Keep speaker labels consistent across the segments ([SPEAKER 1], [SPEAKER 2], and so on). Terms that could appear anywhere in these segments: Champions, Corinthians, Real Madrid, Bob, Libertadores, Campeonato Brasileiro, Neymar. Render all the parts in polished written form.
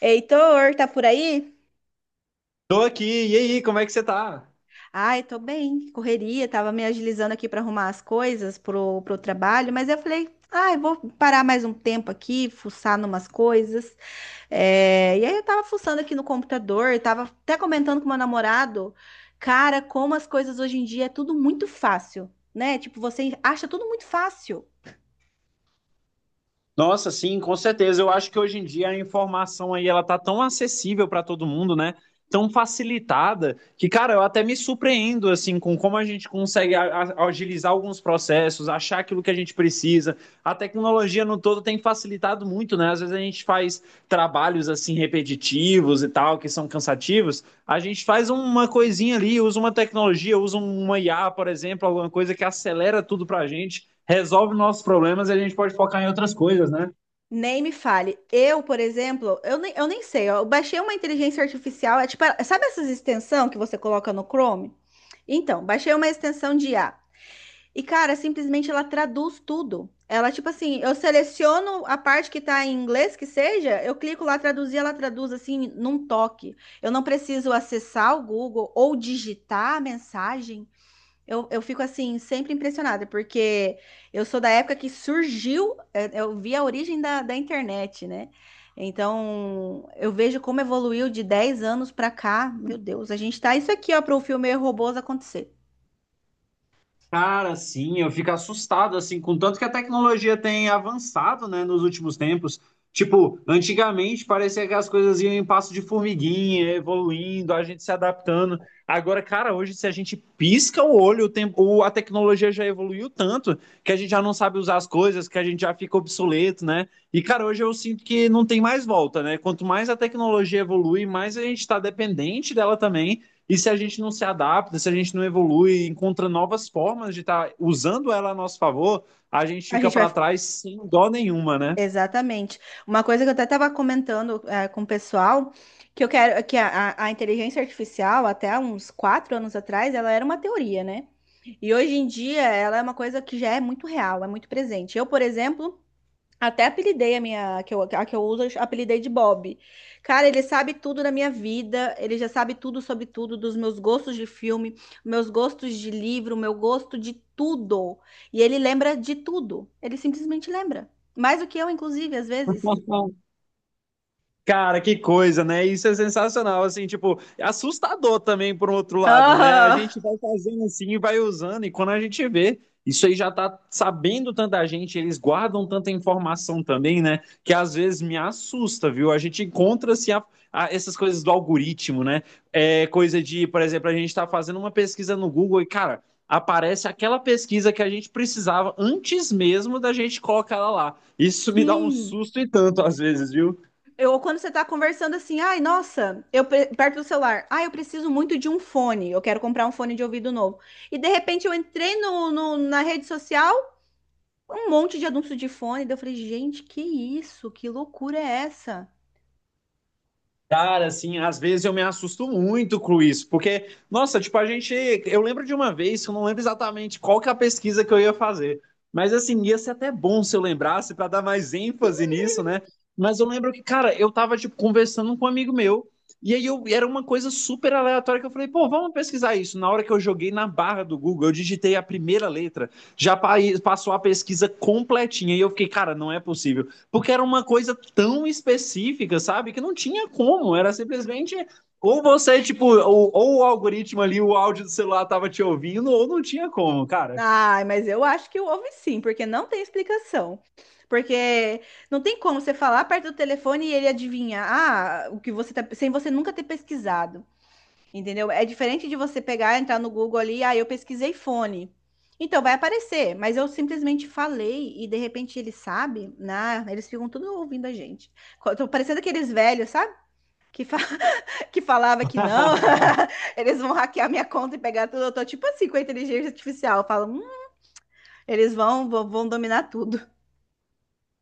[SPEAKER 1] Heitor, tá por aí?
[SPEAKER 2] Tô aqui, e aí, como é que você tá?
[SPEAKER 1] Ai, tô bem, correria, tava me agilizando aqui para arrumar as coisas pro trabalho, mas eu falei, ai, vou parar mais um tempo aqui, fuçar numas coisas. E aí eu tava fuçando aqui no computador, tava até comentando com meu namorado, cara, como as coisas hoje em dia é tudo muito fácil, né? Tipo, você acha tudo muito fácil.
[SPEAKER 2] Nossa, sim, com certeza. Eu acho que hoje em dia a informação aí ela tá tão acessível para todo mundo, né? Tão facilitada que, cara, eu até me surpreendo assim com como a gente consegue agilizar alguns processos, achar aquilo que a gente precisa. A tecnologia no todo tem facilitado muito, né? Às vezes a gente faz trabalhos assim repetitivos e tal, que são cansativos. A gente faz uma coisinha ali, usa uma tecnologia, usa uma IA, por exemplo, alguma coisa que acelera tudo pra gente, resolve nossos problemas e a gente pode focar em outras coisas, né?
[SPEAKER 1] Nem me fale. Eu, por exemplo, eu nem sei, ó, eu baixei uma inteligência artificial, é tipo, sabe essas extensão que você coloca no Chrome? Então, baixei uma extensão de IA. E, cara, simplesmente ela traduz tudo. Ela, tipo assim, eu seleciono a parte que tá em inglês, que seja, eu clico lá traduzir, ela traduz assim, num toque. Eu não preciso acessar o Google ou digitar a mensagem. Eu fico assim, sempre impressionada, porque eu sou da época que surgiu, eu vi a origem da internet, né? Então, eu vejo como evoluiu de 10 anos pra cá. Meu Deus, a gente tá isso aqui, ó, para o filme Robôs acontecer.
[SPEAKER 2] Cara, sim, eu fico assustado, assim, com tanto que a tecnologia tem avançado, né, nos últimos tempos. Tipo, antigamente parecia que as coisas iam em passo de formiguinha, evoluindo, a gente se adaptando. Agora, cara, hoje se a gente pisca o olho, o tempo, a tecnologia já evoluiu tanto que a gente já não sabe usar as coisas, que a gente já fica obsoleto, né? E, cara, hoje eu sinto que não tem mais volta, né? Quanto mais a tecnologia evolui, mais a gente está dependente dela também. E se a gente não se adapta, se a gente não evolui, encontra novas formas de estar tá usando ela a nosso favor, a gente
[SPEAKER 1] A
[SPEAKER 2] fica
[SPEAKER 1] gente vai.
[SPEAKER 2] para trás sem dó nenhuma, né?
[SPEAKER 1] Exatamente. Uma coisa que eu até estava comentando com o pessoal, que eu quero que a inteligência artificial, até uns 4 anos atrás, ela era uma teoria, né? E hoje em dia ela é uma coisa que já é muito real, é muito presente. Eu, por exemplo, até apelidei a minha, a que eu uso, eu apelidei de Bob. Cara, ele sabe tudo da minha vida, ele já sabe tudo sobre tudo, dos meus gostos de filme, meus gostos de livro, meu gosto de tudo. E ele lembra de tudo. Ele simplesmente lembra. Mais do que eu, inclusive, às vezes.
[SPEAKER 2] Cara, que coisa, né? Isso é sensacional, assim, tipo, é assustador também por um outro lado, né? A
[SPEAKER 1] Ah,
[SPEAKER 2] gente vai fazendo assim e vai usando, e quando a gente vê, isso aí já tá sabendo tanta gente, eles guardam tanta informação também, né? Que às vezes me assusta, viu? A gente encontra assim, essas coisas do algoritmo, né? É coisa de, por exemplo, a gente tá fazendo uma pesquisa no Google e, cara, aparece aquela pesquisa que a gente precisava antes mesmo da gente colocar ela lá. Isso me dá um
[SPEAKER 1] sim.
[SPEAKER 2] susto e tanto às vezes, viu?
[SPEAKER 1] Eu, quando você tá conversando assim, ai, nossa, eu perto do celular, ai, eu preciso muito de um fone, eu quero comprar um fone de ouvido novo. E de repente eu entrei na rede social, um monte de anúncio de fone. Daí eu falei, gente, que isso? Que loucura é essa?
[SPEAKER 2] Cara, assim, às vezes eu me assusto muito com isso, porque, nossa, tipo, a gente. Eu lembro de uma vez, eu não lembro exatamente qual que é a pesquisa que eu ia fazer, mas assim, ia ser até bom se eu lembrasse para dar mais ênfase nisso, né? Mas eu lembro que, cara, eu tava, tipo, conversando com um amigo meu, e aí eu, era uma coisa super aleatória que eu falei, pô, vamos pesquisar isso. Na hora que eu joguei na barra do Google, eu digitei a primeira letra, já pa- passou a pesquisa completinha, e eu fiquei, cara, não é possível. Porque era uma coisa tão específica, sabe? Que não tinha como. Era simplesmente. Ou você, tipo, ou o algoritmo ali, o áudio do celular tava te ouvindo, ou não tinha como, cara.
[SPEAKER 1] Ai, mas eu acho que houve sim, porque não tem explicação. Porque não tem como você falar perto do telefone e ele adivinhar, ah, o que você tá, sem você nunca ter pesquisado, entendeu? É diferente de você pegar, entrar no Google ali, ah, eu pesquisei fone. Então vai aparecer, mas eu simplesmente falei e de repente ele sabe, né? Eles ficam tudo ouvindo a gente. Tô parecendo aqueles velhos, sabe? Que fa- que falava que não, eles vão hackear minha conta e pegar tudo. Eu tô tipo assim com a inteligência artificial. Eu falo, eles vão, vão dominar tudo.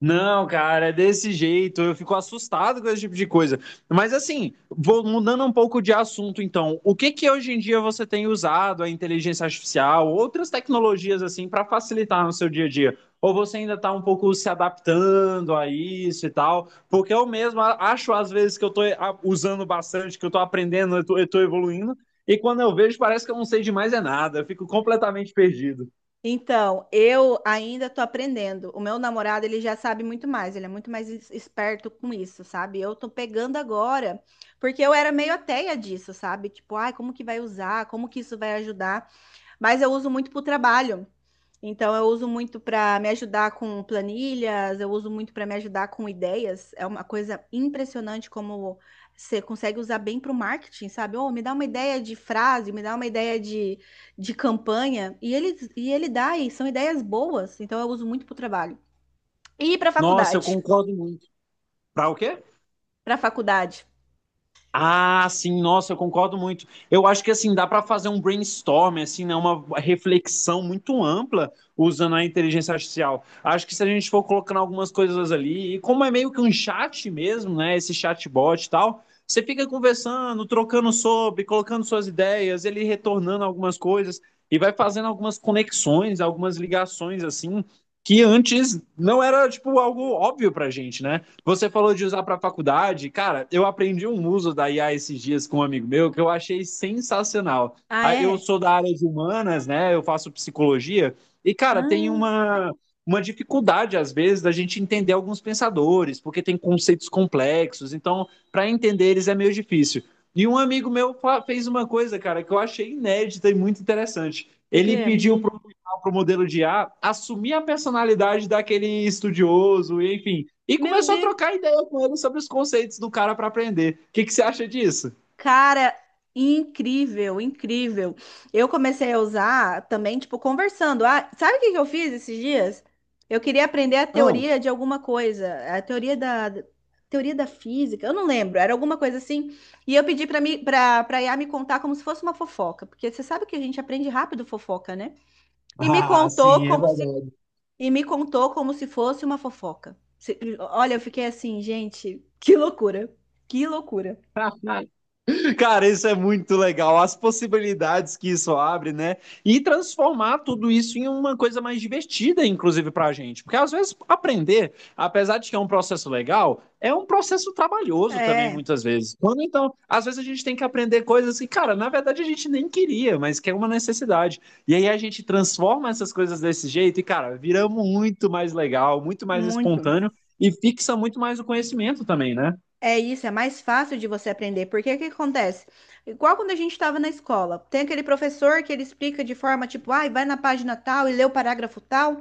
[SPEAKER 2] Não, cara, é desse jeito. Eu fico assustado com esse tipo de coisa. Mas assim, vou mudando um pouco de assunto, então. O que que hoje em dia você tem usado a inteligência artificial, outras tecnologias assim para facilitar no seu dia a dia? Ou você ainda está um pouco se adaptando a isso e tal? Porque eu mesmo acho às vezes que eu estou usando bastante, que eu estou aprendendo, eu estou evoluindo, e quando eu vejo parece que eu não sei de mais é nada. Eu fico completamente perdido.
[SPEAKER 1] Então, eu ainda tô aprendendo. O meu namorado, ele já sabe muito mais, ele é muito mais esperto com isso, sabe? Eu tô pegando agora, porque eu era meio ateia disso, sabe? Tipo, ai, como que vai usar? Como que isso vai ajudar? Mas eu uso muito pro trabalho. Então, eu uso muito para me ajudar com planilhas, eu uso muito para me ajudar com ideias. É uma coisa impressionante como você consegue usar bem para o marketing, sabe? Oh, me dá uma ideia de frase, me dá uma ideia de campanha. E ele dá, e são ideias boas. Então, eu uso muito para o trabalho. E para
[SPEAKER 2] Nossa, eu
[SPEAKER 1] faculdade?
[SPEAKER 2] concordo muito. Para o quê?
[SPEAKER 1] Para faculdade.
[SPEAKER 2] Ah, sim, nossa, eu concordo muito. Eu acho que assim dá para fazer um brainstorm, assim, né, uma reflexão muito ampla usando a inteligência artificial. Acho que se a gente for colocando algumas coisas ali, e como é meio que um chat mesmo, né, esse chatbot e tal, você fica conversando, trocando sobre, colocando suas ideias, ele retornando algumas coisas e vai fazendo algumas conexões, algumas ligações assim, que antes não era tipo algo óbvio pra gente, né? Você falou de usar para faculdade. Cara, eu aprendi um uso da IA esses dias com um amigo meu que eu achei sensacional.
[SPEAKER 1] Ah,
[SPEAKER 2] Ah, eu
[SPEAKER 1] é?
[SPEAKER 2] sou da área de humanas, né? Eu faço psicologia. E, cara, tem
[SPEAKER 1] Ah,
[SPEAKER 2] uma dificuldade, às vezes, da gente entender alguns pensadores, porque tem conceitos complexos. Então, para entender eles é meio difícil. E um amigo meu fez uma coisa, cara, que eu achei inédita e muito interessante. Ele
[SPEAKER 1] porque,
[SPEAKER 2] pediu para o modelo de I A assumir a personalidade daquele estudioso, enfim. E
[SPEAKER 1] meu
[SPEAKER 2] começou a
[SPEAKER 1] Deus.
[SPEAKER 2] trocar ideia com ele sobre os conceitos do cara para aprender. O que, que você acha disso?
[SPEAKER 1] Cara, incrível, incrível. Eu comecei a usar também, tipo, conversando. Ah, sabe o que que eu fiz esses dias? Eu queria aprender a teoria de alguma coisa, a teoria da física, eu não lembro, era alguma coisa assim. E eu pedi para mim, para IA me contar como se fosse uma fofoca, porque você sabe que a gente aprende rápido fofoca, né? E me
[SPEAKER 2] Ah,
[SPEAKER 1] contou
[SPEAKER 2] sim, é
[SPEAKER 1] como se e me contou como se fosse uma fofoca. Olha, eu fiquei assim, gente, que loucura. Que loucura.
[SPEAKER 2] verdade. Cara, isso é muito legal. As possibilidades que isso abre, né? E transformar tudo isso em uma coisa mais divertida, inclusive, pra gente. Porque às vezes aprender, apesar de que é um processo legal, é um processo trabalhoso também,
[SPEAKER 1] É,
[SPEAKER 2] muitas vezes. Quando então, às vezes a gente tem que aprender coisas que, cara, na verdade a gente nem queria, mas que é uma necessidade. E aí a gente transforma essas coisas desse jeito e, cara, vira muito mais legal, muito mais
[SPEAKER 1] muito.
[SPEAKER 2] espontâneo e fixa muito mais o conhecimento também, né?
[SPEAKER 1] É isso, é mais fácil de você aprender, porque o que acontece? Igual quando a gente estava na escola, tem aquele professor que ele explica de forma tipo, ai, vai na página tal e lê o parágrafo tal,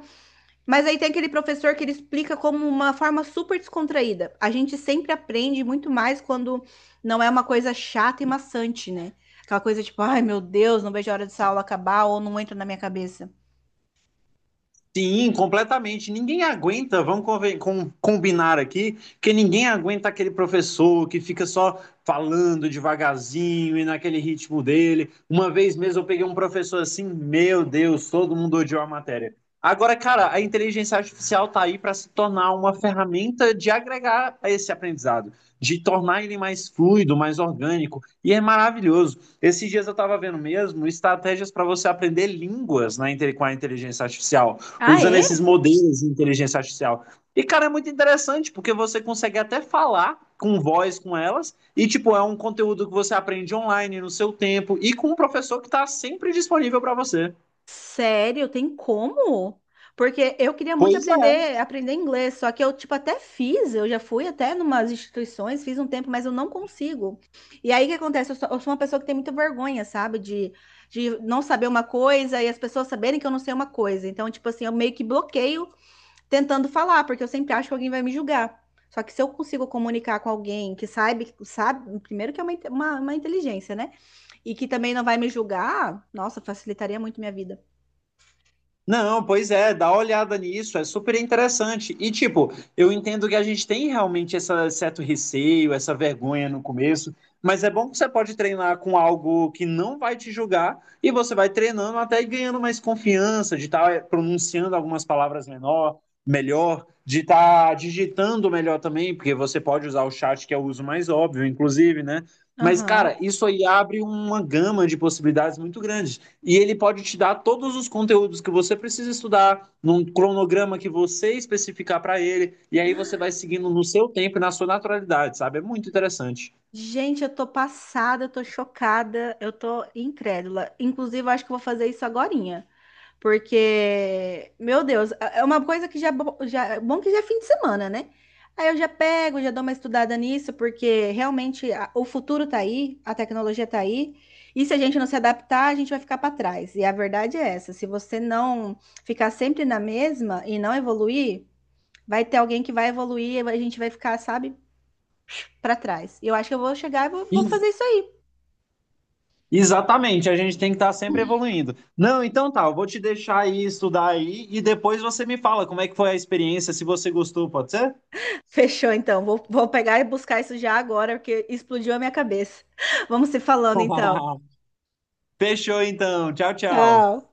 [SPEAKER 1] mas aí tem aquele professor que ele explica como uma forma super descontraída. A gente sempre aprende muito mais quando não é uma coisa chata e maçante, né? Aquela coisa tipo, ai, meu Deus, não vejo a hora dessa aula acabar ou não entra na minha cabeça.
[SPEAKER 2] Sim, completamente. Ninguém aguenta, vamos combinar aqui, que ninguém aguenta aquele professor que fica só falando devagarzinho e naquele ritmo dele. Uma vez mesmo eu peguei um professor assim, meu Deus, todo mundo odiou a matéria. Agora, cara, a inteligência artificial tá aí para se tornar uma ferramenta de agregar a esse aprendizado, de tornar ele mais fluido, mais orgânico, e é maravilhoso. Esses dias eu estava vendo mesmo estratégias para você aprender línguas com a inteligência artificial
[SPEAKER 1] Ah,
[SPEAKER 2] usando
[SPEAKER 1] é?
[SPEAKER 2] esses modelos de inteligência artificial. E, cara, é muito interessante, porque você consegue até falar com voz com elas, e, tipo, é um conteúdo que você aprende online, no seu tempo, e com um professor que está sempre disponível para você.
[SPEAKER 1] Sério, tem como? Porque eu queria muito
[SPEAKER 2] Pois é.
[SPEAKER 1] aprender inglês, só que eu, tipo, até fiz, eu já fui até numas instituições, fiz um tempo, mas eu não consigo. E aí, o que acontece? Eu sou uma pessoa que tem muita vergonha, sabe? De não saber uma coisa e as pessoas saberem que eu não sei uma coisa. Então, tipo assim, eu meio que bloqueio tentando falar, porque eu sempre acho que alguém vai me julgar. Só que se eu consigo comunicar com alguém que sabe, sabe, primeiro que é uma, uma inteligência, né? E que também não vai me julgar, nossa, facilitaria muito minha vida.
[SPEAKER 2] Não, pois é, dá uma olhada nisso, é super interessante. E, tipo, eu entendo que a gente tem realmente esse certo receio, essa vergonha no começo, mas é bom que você pode treinar com algo que não vai te julgar e você vai treinando até ganhando mais confiança de estar pronunciando algumas melhor, de estar digitando melhor também, porque você pode usar o chat, que é o uso mais óbvio, inclusive, né? Mas, cara,
[SPEAKER 1] Aham.
[SPEAKER 2] isso aí abre uma gama de possibilidades muito grande e ele pode te dar todos os conteúdos que você precisa estudar num cronograma que você especificar para ele e aí você vai seguindo no seu tempo e na sua naturalidade, sabe? É muito interessante.
[SPEAKER 1] Gente, eu tô passada, eu tô chocada, eu tô incrédula. Inclusive, eu acho que eu vou fazer isso agorinha, porque, meu Deus, é uma coisa que já, é já é bom que já é fim de semana, né? Aí eu já pego, já dou uma estudada nisso, porque realmente o futuro tá aí, a tecnologia tá aí, e se a gente não se adaptar, a gente vai ficar para trás. E a verdade é essa, se você não ficar sempre na mesma e não evoluir, vai ter alguém que vai evoluir e a gente vai ficar, sabe? Para trás. E eu acho que eu vou chegar e vou, vou
[SPEAKER 2] Ex-
[SPEAKER 1] fazer isso aí.
[SPEAKER 2] Exatamente, a gente tem que estar sempre evoluindo. Não, então tá, eu vou te deixar aí estudar aí e depois você me fala como é que foi a experiência, se você gostou, pode ser?
[SPEAKER 1] Fechou, então. Vou, vou pegar e buscar isso já agora, porque explodiu a minha cabeça. Vamos se falando, então.
[SPEAKER 2] Fechou então. Tchau, tchau.
[SPEAKER 1] Tchau.